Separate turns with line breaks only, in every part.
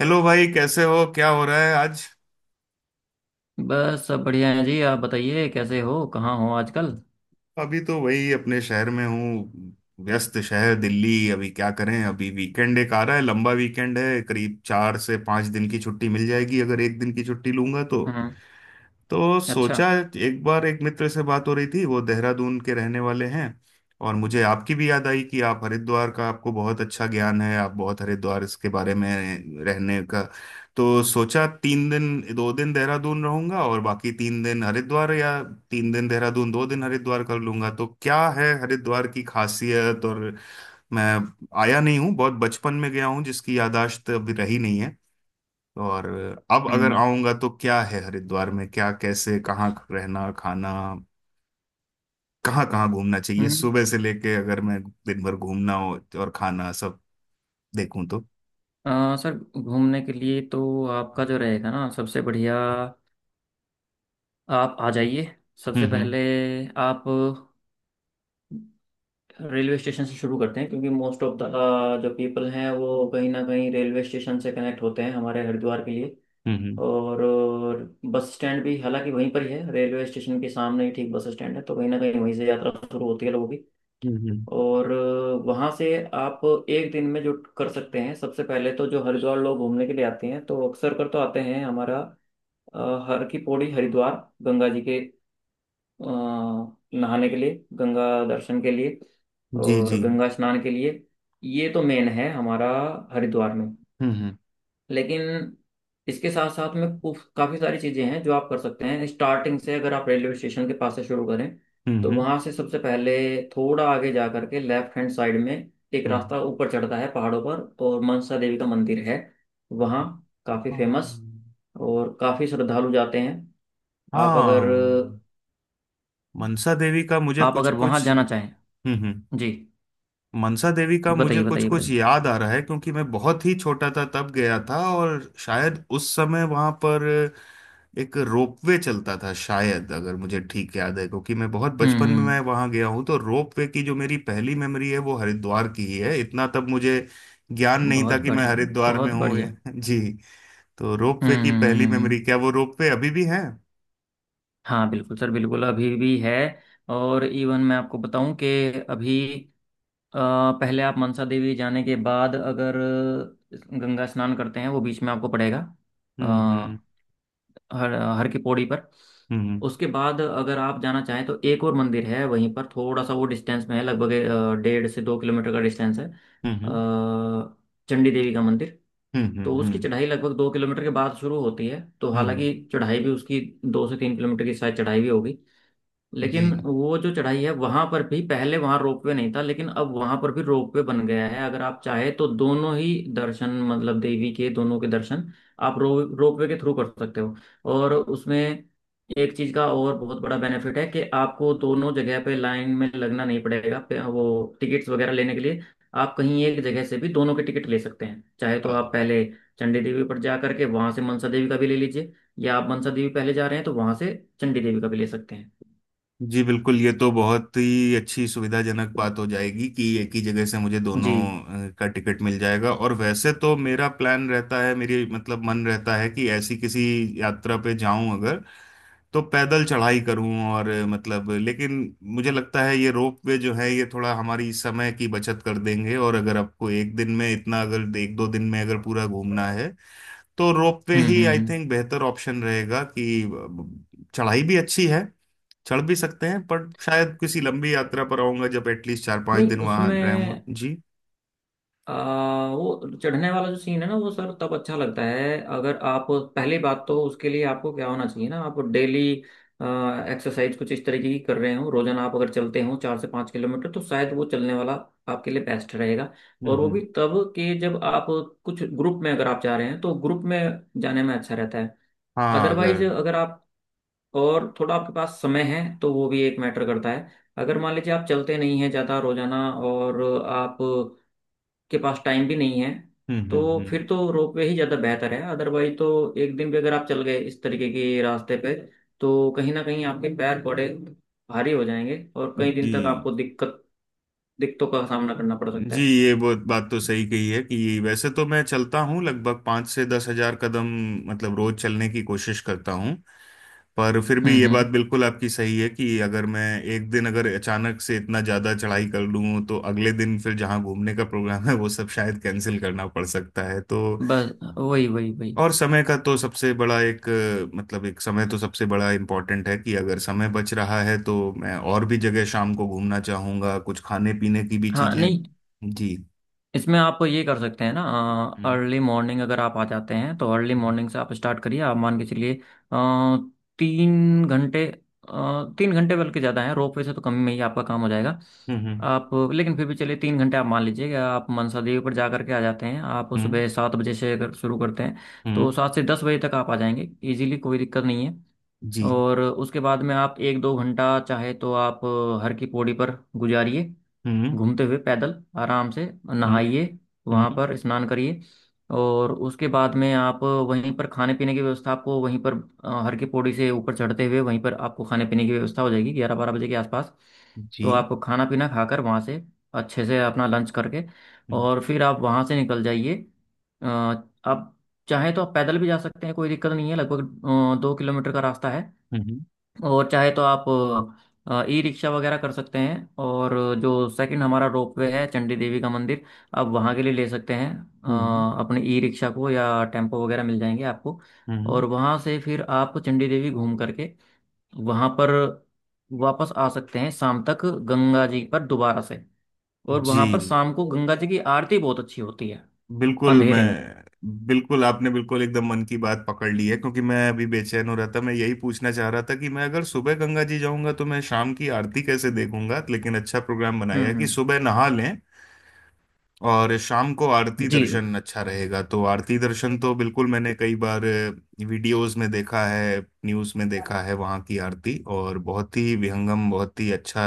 Hello भाई, कैसे हो? क्या हो रहा है आज?
बस सब बढ़िया है जी। आप बताइए कैसे हो कहाँ हो आजकल?
अभी तो वही, अपने शहर में हूँ। व्यस्त शहर दिल्ली। अभी क्या करें, अभी वीकेंड एक आ रहा है, लंबा वीकेंड है, करीब 4 से 5 दिन की छुट्टी मिल जाएगी अगर एक दिन की छुट्टी लूंगा तो।
हम्म।
तो
अच्छा।
सोचा, एक बार एक मित्र से बात हो रही थी, वो देहरादून के रहने वाले हैं। और मुझे आपकी भी याद आई कि आप हरिद्वार का, आपको बहुत अच्छा ज्ञान है, आप बहुत हरिद्वार इसके बारे में रहने का। तो सोचा 3 दिन 2 दिन देहरादून रहूंगा और बाकी 3 दिन हरिद्वार, या 3 दिन देहरादून 2 दिन हरिद्वार कर लूंगा। तो क्या है हरिद्वार की खासियत? और मैं आया नहीं हूँ, बहुत बचपन में गया हूँ जिसकी याददाश्त अभी रही नहीं। और अब अगर
हम्म
आऊंगा तो क्या है हरिद्वार में, क्या कैसे कहाँ रहना खाना, कहाँ कहाँ घूमना चाहिए
हम्म।
सुबह से लेके, अगर मैं दिन भर घूमना हो और खाना सब देखूं तो।
सर, घूमने के लिए तो आपका जो रहेगा ना सबसे बढ़िया। आप आ जाइए सबसे पहले।
हम्म।
आप रेलवे स्टेशन से शुरू करते हैं क्योंकि मोस्ट ऑफ द जो पीपल हैं वो कहीं ना कहीं रेलवे स्टेशन से कनेक्ट होते हैं हमारे हरिद्वार के लिए।
हम्म
और बस स्टैंड भी हालांकि वहीं पर ही है, रेलवे स्टेशन के सामने ही ठीक बस स्टैंड है, तो कहीं ना कहीं वहीं से यात्रा शुरू होती है लोगों की।
हम्म।
और वहाँ से आप एक दिन में जो कर सकते हैं, सबसे पहले तो जो हरिद्वार लोग घूमने के लिए आते हैं तो अक्सर कर तो आते हैं हमारा अ, हर की पौड़ी, हरिद्वार गंगा जी के अ, नहाने के लिए, गंगा दर्शन के लिए
जी
और
जी।
गंगा स्नान के लिए। ये तो मेन है हमारा हरिद्वार में।
हम्म।
लेकिन इसके साथ साथ में काफी सारी चीजें हैं जो आप कर सकते हैं। स्टार्टिंग से अगर आप रेलवे स्टेशन के पास से शुरू करें
हम्म
तो
हम्म
वहां से सबसे पहले थोड़ा आगे जा करके लेफ्ट हैंड साइड में एक
हम्म।
रास्ता ऊपर चढ़ता है पहाड़ों पर और मनसा देवी का मंदिर है। वहाँ काफी फेमस
हाँ।
और काफी श्रद्धालु जाते हैं। आप अगर
हाँ। मनसा देवी का मुझे
आप
कुछ
अगर वहां
कुछ।
जाना चाहें।
हम्म।
जी।
मनसा देवी का मुझे
बताइए
कुछ
बताइए
कुछ
बताइए।
याद आ रहा है क्योंकि मैं बहुत ही छोटा था तब गया था, और शायद उस समय वहां पर एक रोपवे चलता था शायद, अगर मुझे ठीक याद है। क्योंकि मैं बहुत
हम्म
बचपन में, मैं
हम्म
वहां गया हूँ तो रोपवे की जो मेरी पहली मेमोरी है वो हरिद्वार की ही है। इतना तब मुझे ज्ञान नहीं था
बहुत
कि मैं
बढ़िया।
हरिद्वार में
बहुत
हूँ।
बढ़िया। हम्म।
जी, तो रोपवे
हम्म,
की
हम्म,
पहली
हम्म,
मेमोरी।
हम्म।
क्या वो रोपवे अभी भी है?
हाँ बिल्कुल सर, बिल्कुल अभी भी है। और इवन मैं आपको बताऊं कि अभी अ, पहले आप मनसा देवी जाने के बाद अगर गंगा स्नान करते हैं, वो बीच में आपको पड़ेगा अ,
हम्म।
हर हर की पौड़ी पर।
हम्म
उसके बाद अगर आप जाना चाहें तो एक और मंदिर है, वहीं पर थोड़ा सा वो डिस्टेंस में है। लगभग 1.5 से 2 किलोमीटर का डिस्टेंस है
हम्म।
अ, चंडी देवी का मंदिर।
हम्म।
तो उसकी चढ़ाई लगभग 2 किलोमीटर के बाद शुरू होती है। तो
हम्म,
हालांकि चढ़ाई भी उसकी 2 से 3 किलोमीटर की शायद चढ़ाई भी होगी।
जी
लेकिन वो जो चढ़ाई है, वहां पर भी पहले वहां रोपवे नहीं था, लेकिन अब वहां पर भी रोपवे बन गया है। अगर आप चाहे तो दोनों ही दर्शन, मतलब देवी के दोनों के दर्शन आप रो रोपवे के थ्रू कर सकते हो। और उसमें एक चीज का और बहुत बड़ा बेनिफिट है कि आपको दोनों जगह पे लाइन में लगना नहीं पड़ेगा वो टिकट्स वगैरह लेने के लिए। आप कहीं एक जगह से भी दोनों के टिकट ले सकते हैं। चाहे तो आप पहले चंडी देवी पर जा करके वहां से मनसा देवी का भी ले लीजिए, या आप मनसा देवी पहले जा रहे हैं तो वहां से चंडी देवी का भी ले सकते हैं।
जी। बिल्कुल, ये तो बहुत ही अच्छी सुविधाजनक बात हो जाएगी कि एक ही जगह से मुझे दोनों
जी।
का टिकट मिल जाएगा। और वैसे तो मेरा प्लान रहता है, मेरी मतलब मन रहता है कि ऐसी किसी यात्रा पे जाऊं अगर, तो पैदल चढ़ाई करूं, और मतलब लेकिन मुझे लगता है ये रोप वे जो है ये थोड़ा हमारी समय की बचत कर देंगे। और अगर आपको एक दिन में इतना, अगर एक दो दिन में अगर पूरा घूमना है तो रोप वे
हम्म
ही
हम्म
आई
हम्म।
थिंक बेहतर ऑप्शन रहेगा कि चढ़ाई भी अच्छी है, चढ़ भी सकते हैं, पर शायद किसी लंबी यात्रा पर आऊंगा जब, एटलीस्ट चार पांच
नहीं,
दिन वहां रहूंगा।
उसमें
जी।
आ, वो चढ़ने वाला जो सीन है ना, वो सर तब अच्छा लगता है अगर आप। पहली बात तो उसके लिए आपको क्या होना चाहिए ना, आप डेली एक्सरसाइज कुछ इस तरीके की कर रहे हो रोजाना। आप अगर चलते हो 4 से 5 किलोमीटर तो शायद वो चलने वाला आपके लिए बेस्ट रहेगा। और वो भी
हम्म।
तब के जब आप कुछ ग्रुप में अगर आप जा रहे हैं तो ग्रुप में जाने में अच्छा रहता है।
हाँ अगर।
अदरवाइज अगर आप और थोड़ा आपके पास समय है तो वो भी एक मैटर करता है। अगर मान लीजिए आप चलते नहीं हैं ज़्यादा रोजाना और आप के पास टाइम भी नहीं है, तो
हम्म।
फिर तो रोपवे ही ज़्यादा बेहतर है। अदरवाइज तो एक दिन भी अगर आप चल गए इस तरीके के रास्ते पे, तो कहीं ना कहीं आपके पैर बड़े भारी हो जाएंगे और कई दिन तक
जी।
आपको दिक्कतों का सामना करना पड़ सकता
जी,
है।
ये बहुत बात तो सही कही है कि वैसे तो मैं चलता हूँ लगभग 5 से 10,000 कदम, मतलब रोज चलने की कोशिश करता हूँ। पर फिर भी ये बात
हम्म।
बिल्कुल आपकी सही है कि अगर मैं एक दिन अगर अचानक से इतना ज्यादा चढ़ाई कर लूँ तो अगले दिन फिर जहाँ घूमने का प्रोग्राम है वो सब शायद कैंसिल करना पड़ सकता है तो।
बस वही वही वही।
और समय का तो सबसे बड़ा एक मतलब एक समय तो सबसे बड़ा इम्पोर्टेंट है कि अगर समय बच रहा है तो मैं और भी जगह शाम को घूमना चाहूंगा, कुछ खाने पीने की भी
हाँ
चीजें।
नहीं,
जी।
इसमें आप ये कर सकते हैं ना।
हम्म
अर्ली मॉर्निंग अगर आप आ जाते हैं तो अर्ली मॉर्निंग से आप स्टार्ट करिए। आप मान के चलिए अ, 3 घंटे बल्कि ज़्यादा है, रोपवे से तो कम में ही आपका काम हो जाएगा।
हम्म।
आप लेकिन फिर भी चलिए, 3 घंटे आप मान लीजिए, कि आप मनसा देवी पर जा करके आ जाते हैं। आप
हम्म
सुबह 7 बजे से अगर शुरू करते हैं तो
हम्म,
7 से 10 बजे तक आप आ जाएंगे इजीली, कोई दिक्कत नहीं है।
जी।
और उसके बाद में आप एक दो घंटा चाहे तो आप हर की पौड़ी पर गुजारिए,
हम्म
घूमते हुए पैदल, आराम से
हम्म
नहाइए, वहाँ
हम्म।
पर स्नान करिए। और उसके बाद में आप वहीं पर खाने पीने की व्यवस्था, आपको वहीं पर हर की पौड़ी से ऊपर चढ़ते हुए वहीं पर आपको खाने पीने की व्यवस्था हो जाएगी, 11 12 बजे के आसपास।
जी।
तो आप खाना पीना खाकर वहाँ से अच्छे से अपना लंच करके,
हम्म
और फिर आप वहाँ से निकल जाइए। आप चाहे तो आप पैदल भी जा सकते हैं, कोई दिक्कत नहीं है। लगभग 2 किलोमीटर का रास्ता है।
हम्म
और चाहे तो आप ई रिक्शा वगैरह कर सकते हैं, और जो सेकंड हमारा रोपवे है, चंडी देवी का मंदिर, आप वहाँ के लिए ले सकते हैं
हम्म
अपने ई रिक्शा को, या टेम्पो वगैरह मिल जाएंगे आपको।
हम्म,
और वहाँ से फिर आप चंडी देवी घूम करके वहाँ पर वापस आ सकते हैं शाम तक गंगा जी पर दोबारा से। और
जी
वहाँ पर शाम को गंगा जी की आरती बहुत अच्छी होती है
बिल्कुल,
अंधेरे में।
मैं। बिल्कुल आपने बिल्कुल एकदम मन की बात पकड़ ली है क्योंकि मैं अभी बेचैन हो रहा था, मैं यही पूछना चाह रहा था कि मैं अगर सुबह गंगा जी जाऊंगा तो मैं शाम की आरती कैसे देखूंगा। लेकिन अच्छा प्रोग्राम बनाया कि
हम्म।
सुबह नहा लें और शाम को आरती
जी।
दर्शन अच्छा रहेगा। तो आरती दर्शन तो बिल्कुल मैंने कई बार वीडियोस में देखा है, न्यूज़ में देखा है वहाँ की आरती, और बहुत ही विहंगम, बहुत ही अच्छा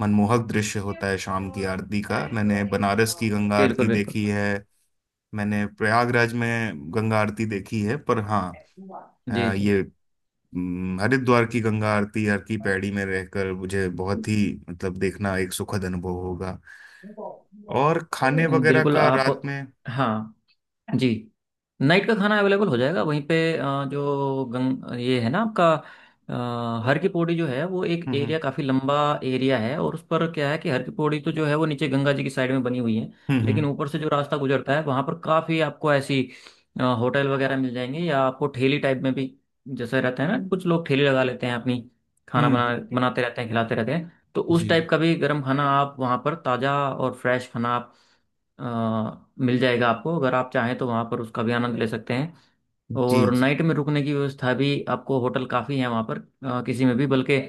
मनमोहक दृश्य होता है शाम की आरती का। मैंने बनारस की गंगा
बिल्कुल
आरती
बिल्कुल।
देखी है, मैंने प्रयागराज में गंगा आरती देखी है, पर हाँ
जी जी
ये हरिद्वार की गंगा आरती यार की पैड़ी में रहकर मुझे बहुत ही, मतलब देखना एक सुखद अनुभव होगा। और खाने वगैरह
बिल्कुल
का
आप।
रात में?
हाँ। जी। नाइट का खाना अवेलेबल हो जाएगा वहीं पे अ, जो गंग ये है ना आपका हर की पौड़ी जो है वो एक
हम्म
एरिया, काफ़ी लंबा एरिया है। और उस पर क्या है कि हर की पौड़ी तो जो है वो नीचे गंगा जी की साइड में बनी हुई है।
हम्म।
लेकिन ऊपर से जो रास्ता गुजरता है, वहाँ पर काफ़ी आपको ऐसी होटल वगैरह मिल जाएंगे, या आपको ठेली टाइप में भी, जैसे रहता है ना कुछ लोग ठेली लगा लेते हैं अपनी,
हम्म
खाना
हम्म, हम्म,
बनाते रहते हैं, खिलाते रहते हैं। तो उस
जी
टाइप का भी गर्म खाना आप वहाँ पर ताज़ा और फ्रेश खाना आप अ, मिल जाएगा आपको, अगर आप चाहें तो वहाँ पर उसका भी आनंद ले सकते हैं।
जी।
और
जी
नाइट में रुकने की व्यवस्था भी आपको होटल काफ़ी है वहाँ पर किसी में भी, बल्कि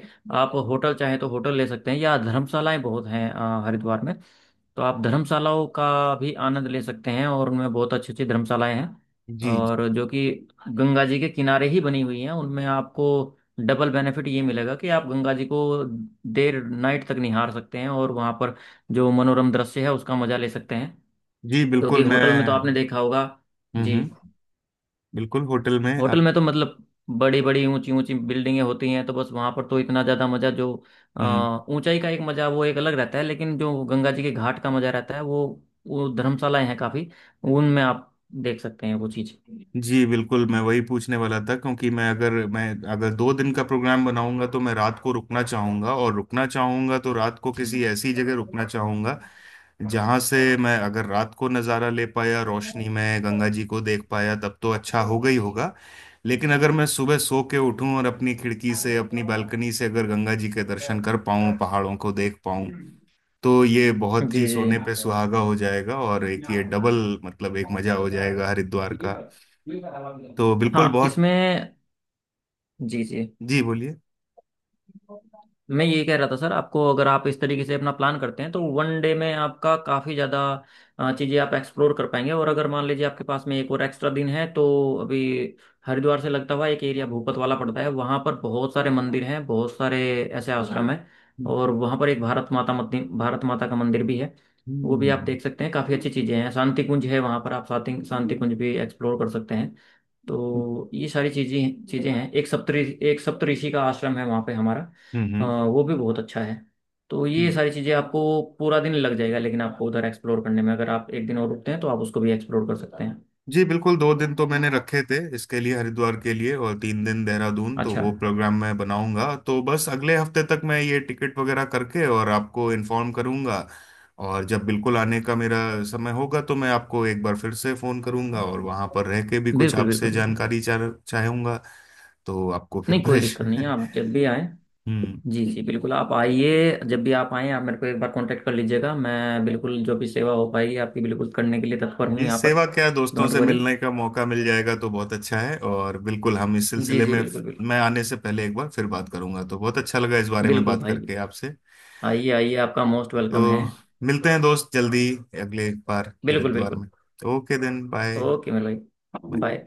आप होटल चाहे तो होटल ले सकते हैं, या धर्मशालाएं बहुत हैं हरिद्वार में। तो आप धर्मशालाओं का भी आनंद ले सकते हैं, और उनमें बहुत अच्छी अच्छी धर्मशालाएं हैं,
जी।
और जो कि गंगा जी के किनारे ही बनी हुई हैं, उनमें आपको डबल बेनिफिट ये मिलेगा कि आप गंगा जी को देर नाइट तक निहार सकते हैं, और वहाँ पर जो मनोरम दृश्य है उसका मजा ले सकते हैं।
जी बिल्कुल,
क्योंकि
मैं।
होटल में तो आपने देखा होगा। जी।
हम्म। बिल्कुल होटल में
होटल में
आपके।
तो मतलब बड़ी बड़ी ऊंची ऊंची बिल्डिंगें होती हैं, तो बस वहां पर तो इतना ज्यादा मजा जो
हम्म,
ऊंचाई का एक मजा वो एक अलग रहता है, लेकिन जो गंगा जी के घाट का मजा रहता है वो धर्मशालाएं हैं काफी, उनमें आप देख सकते हैं वो चीज।
जी बिल्कुल, मैं वही पूछने वाला था क्योंकि मैं अगर 2 दिन का प्रोग्राम बनाऊंगा तो मैं रात को रुकना चाहूंगा, और रुकना चाहूंगा तो रात को किसी ऐसी जगह रुकना चाहूंगा जहां से मैं अगर रात को नज़ारा ले पाया, रोशनी में गंगा जी को देख पाया तब तो अच्छा होगा ही होगा। लेकिन अगर मैं सुबह सो के उठूं और अपनी खिड़की से अपनी बालकनी से अगर गंगा जी के दर्शन कर पाऊं, पहाड़ों को देख पाऊं तो ये बहुत
जी
ही
जी।
सोने पे सुहागा हो जाएगा। और एक ये डबल, मतलब एक मजा हो जाएगा हरिद्वार का। तो बिल्कुल
हाँ
बहुत।
इसमें। जी जी।
जी बोलिए।
मैं ये कह रहा था सर, आपको अगर आप इस तरीके से अपना प्लान करते हैं तो वन डे में आपका काफ़ी ज़्यादा चीज़ें आप एक्सप्लोर कर पाएंगे। और अगर मान लीजिए आपके पास में एक और एक्स्ट्रा दिन है, तो अभी हरिद्वार से लगता हुआ एक एरिया भूपत वाला पड़ता है, वहाँ पर बहुत सारे मंदिर हैं, बहुत सारे ऐसे आश्रम हैं। और वहाँ पर एक भारत माता का मंदिर भी है, वो भी आप
हम्म
देख सकते हैं, काफ़ी अच्छी चीज़ें हैं। शांति कुंज है वहाँ पर, आप शांति शांति कुंज भी एक्सप्लोर कर सकते हैं। तो ये सारी चीजें चीजें हैं, एक सप्तरी एक सप्तऋषि का आश्रम है वहाँ पे हमारा
हम्म।
वो भी बहुत अच्छा है। तो ये
हम्म।
सारी चीजें, आपको पूरा दिन लग जाएगा, लेकिन आपको उधर एक्सप्लोर करने में अगर आप एक दिन और रुकते हैं तो आप उसको भी एक्सप्लोर कर सकते हैं।
जी बिल्कुल, 2 दिन तो मैंने रखे थे इसके लिए, हरिद्वार के लिए, और 3 दिन देहरादून। तो
अच्छा।
वो प्रोग्राम मैं बनाऊंगा तो बस अगले हफ्ते तक मैं ये टिकट वगैरह करके और आपको इन्फॉर्म करूंगा। और जब बिल्कुल आने का मेरा समय होगा तो मैं आपको एक बार फिर से फोन करूंगा, और वहां पर रह के भी कुछ
बिल्कुल
आपसे
बिल्कुल बिल्कुल।
जानकारी चाहूंगा। तो आपको फिर
नहीं, कोई दिक्कत नहीं है,
परेशान।
आप जब भी आएँ।
हम्म।
जी जी बिल्कुल, आप आइए, जब भी आप आएँ आप मेरे को एक बार कांटेक्ट कर लीजिएगा, मैं बिल्कुल जो भी सेवा हो पाएगी आपकी बिल्कुल करने के लिए तत्पर हूँ
ये
यहाँ पर।
सेवा क्या है, दोस्तों
डोंट
से
वरी।
मिलने का मौका मिल जाएगा तो बहुत अच्छा है। और बिल्कुल हम इस
जी
सिलसिले
जी
में,
बिल्कुल बिल्कुल।
मैं आने से पहले एक बार फिर बात करूंगा। तो बहुत अच्छा लगा इस बारे में
बिल्कुल
बात
भाई
करके
बिल्कुल,
आपसे।
आइए आइए, आपका मोस्ट
तो
वेलकम है।
मिलते हैं दोस्त जल्दी, अगले एक बार फिर
बिल्कुल
द्वार
बिल्कुल।
में। तो ओके देन, बाय।
ओके मेरे भाई। बाय।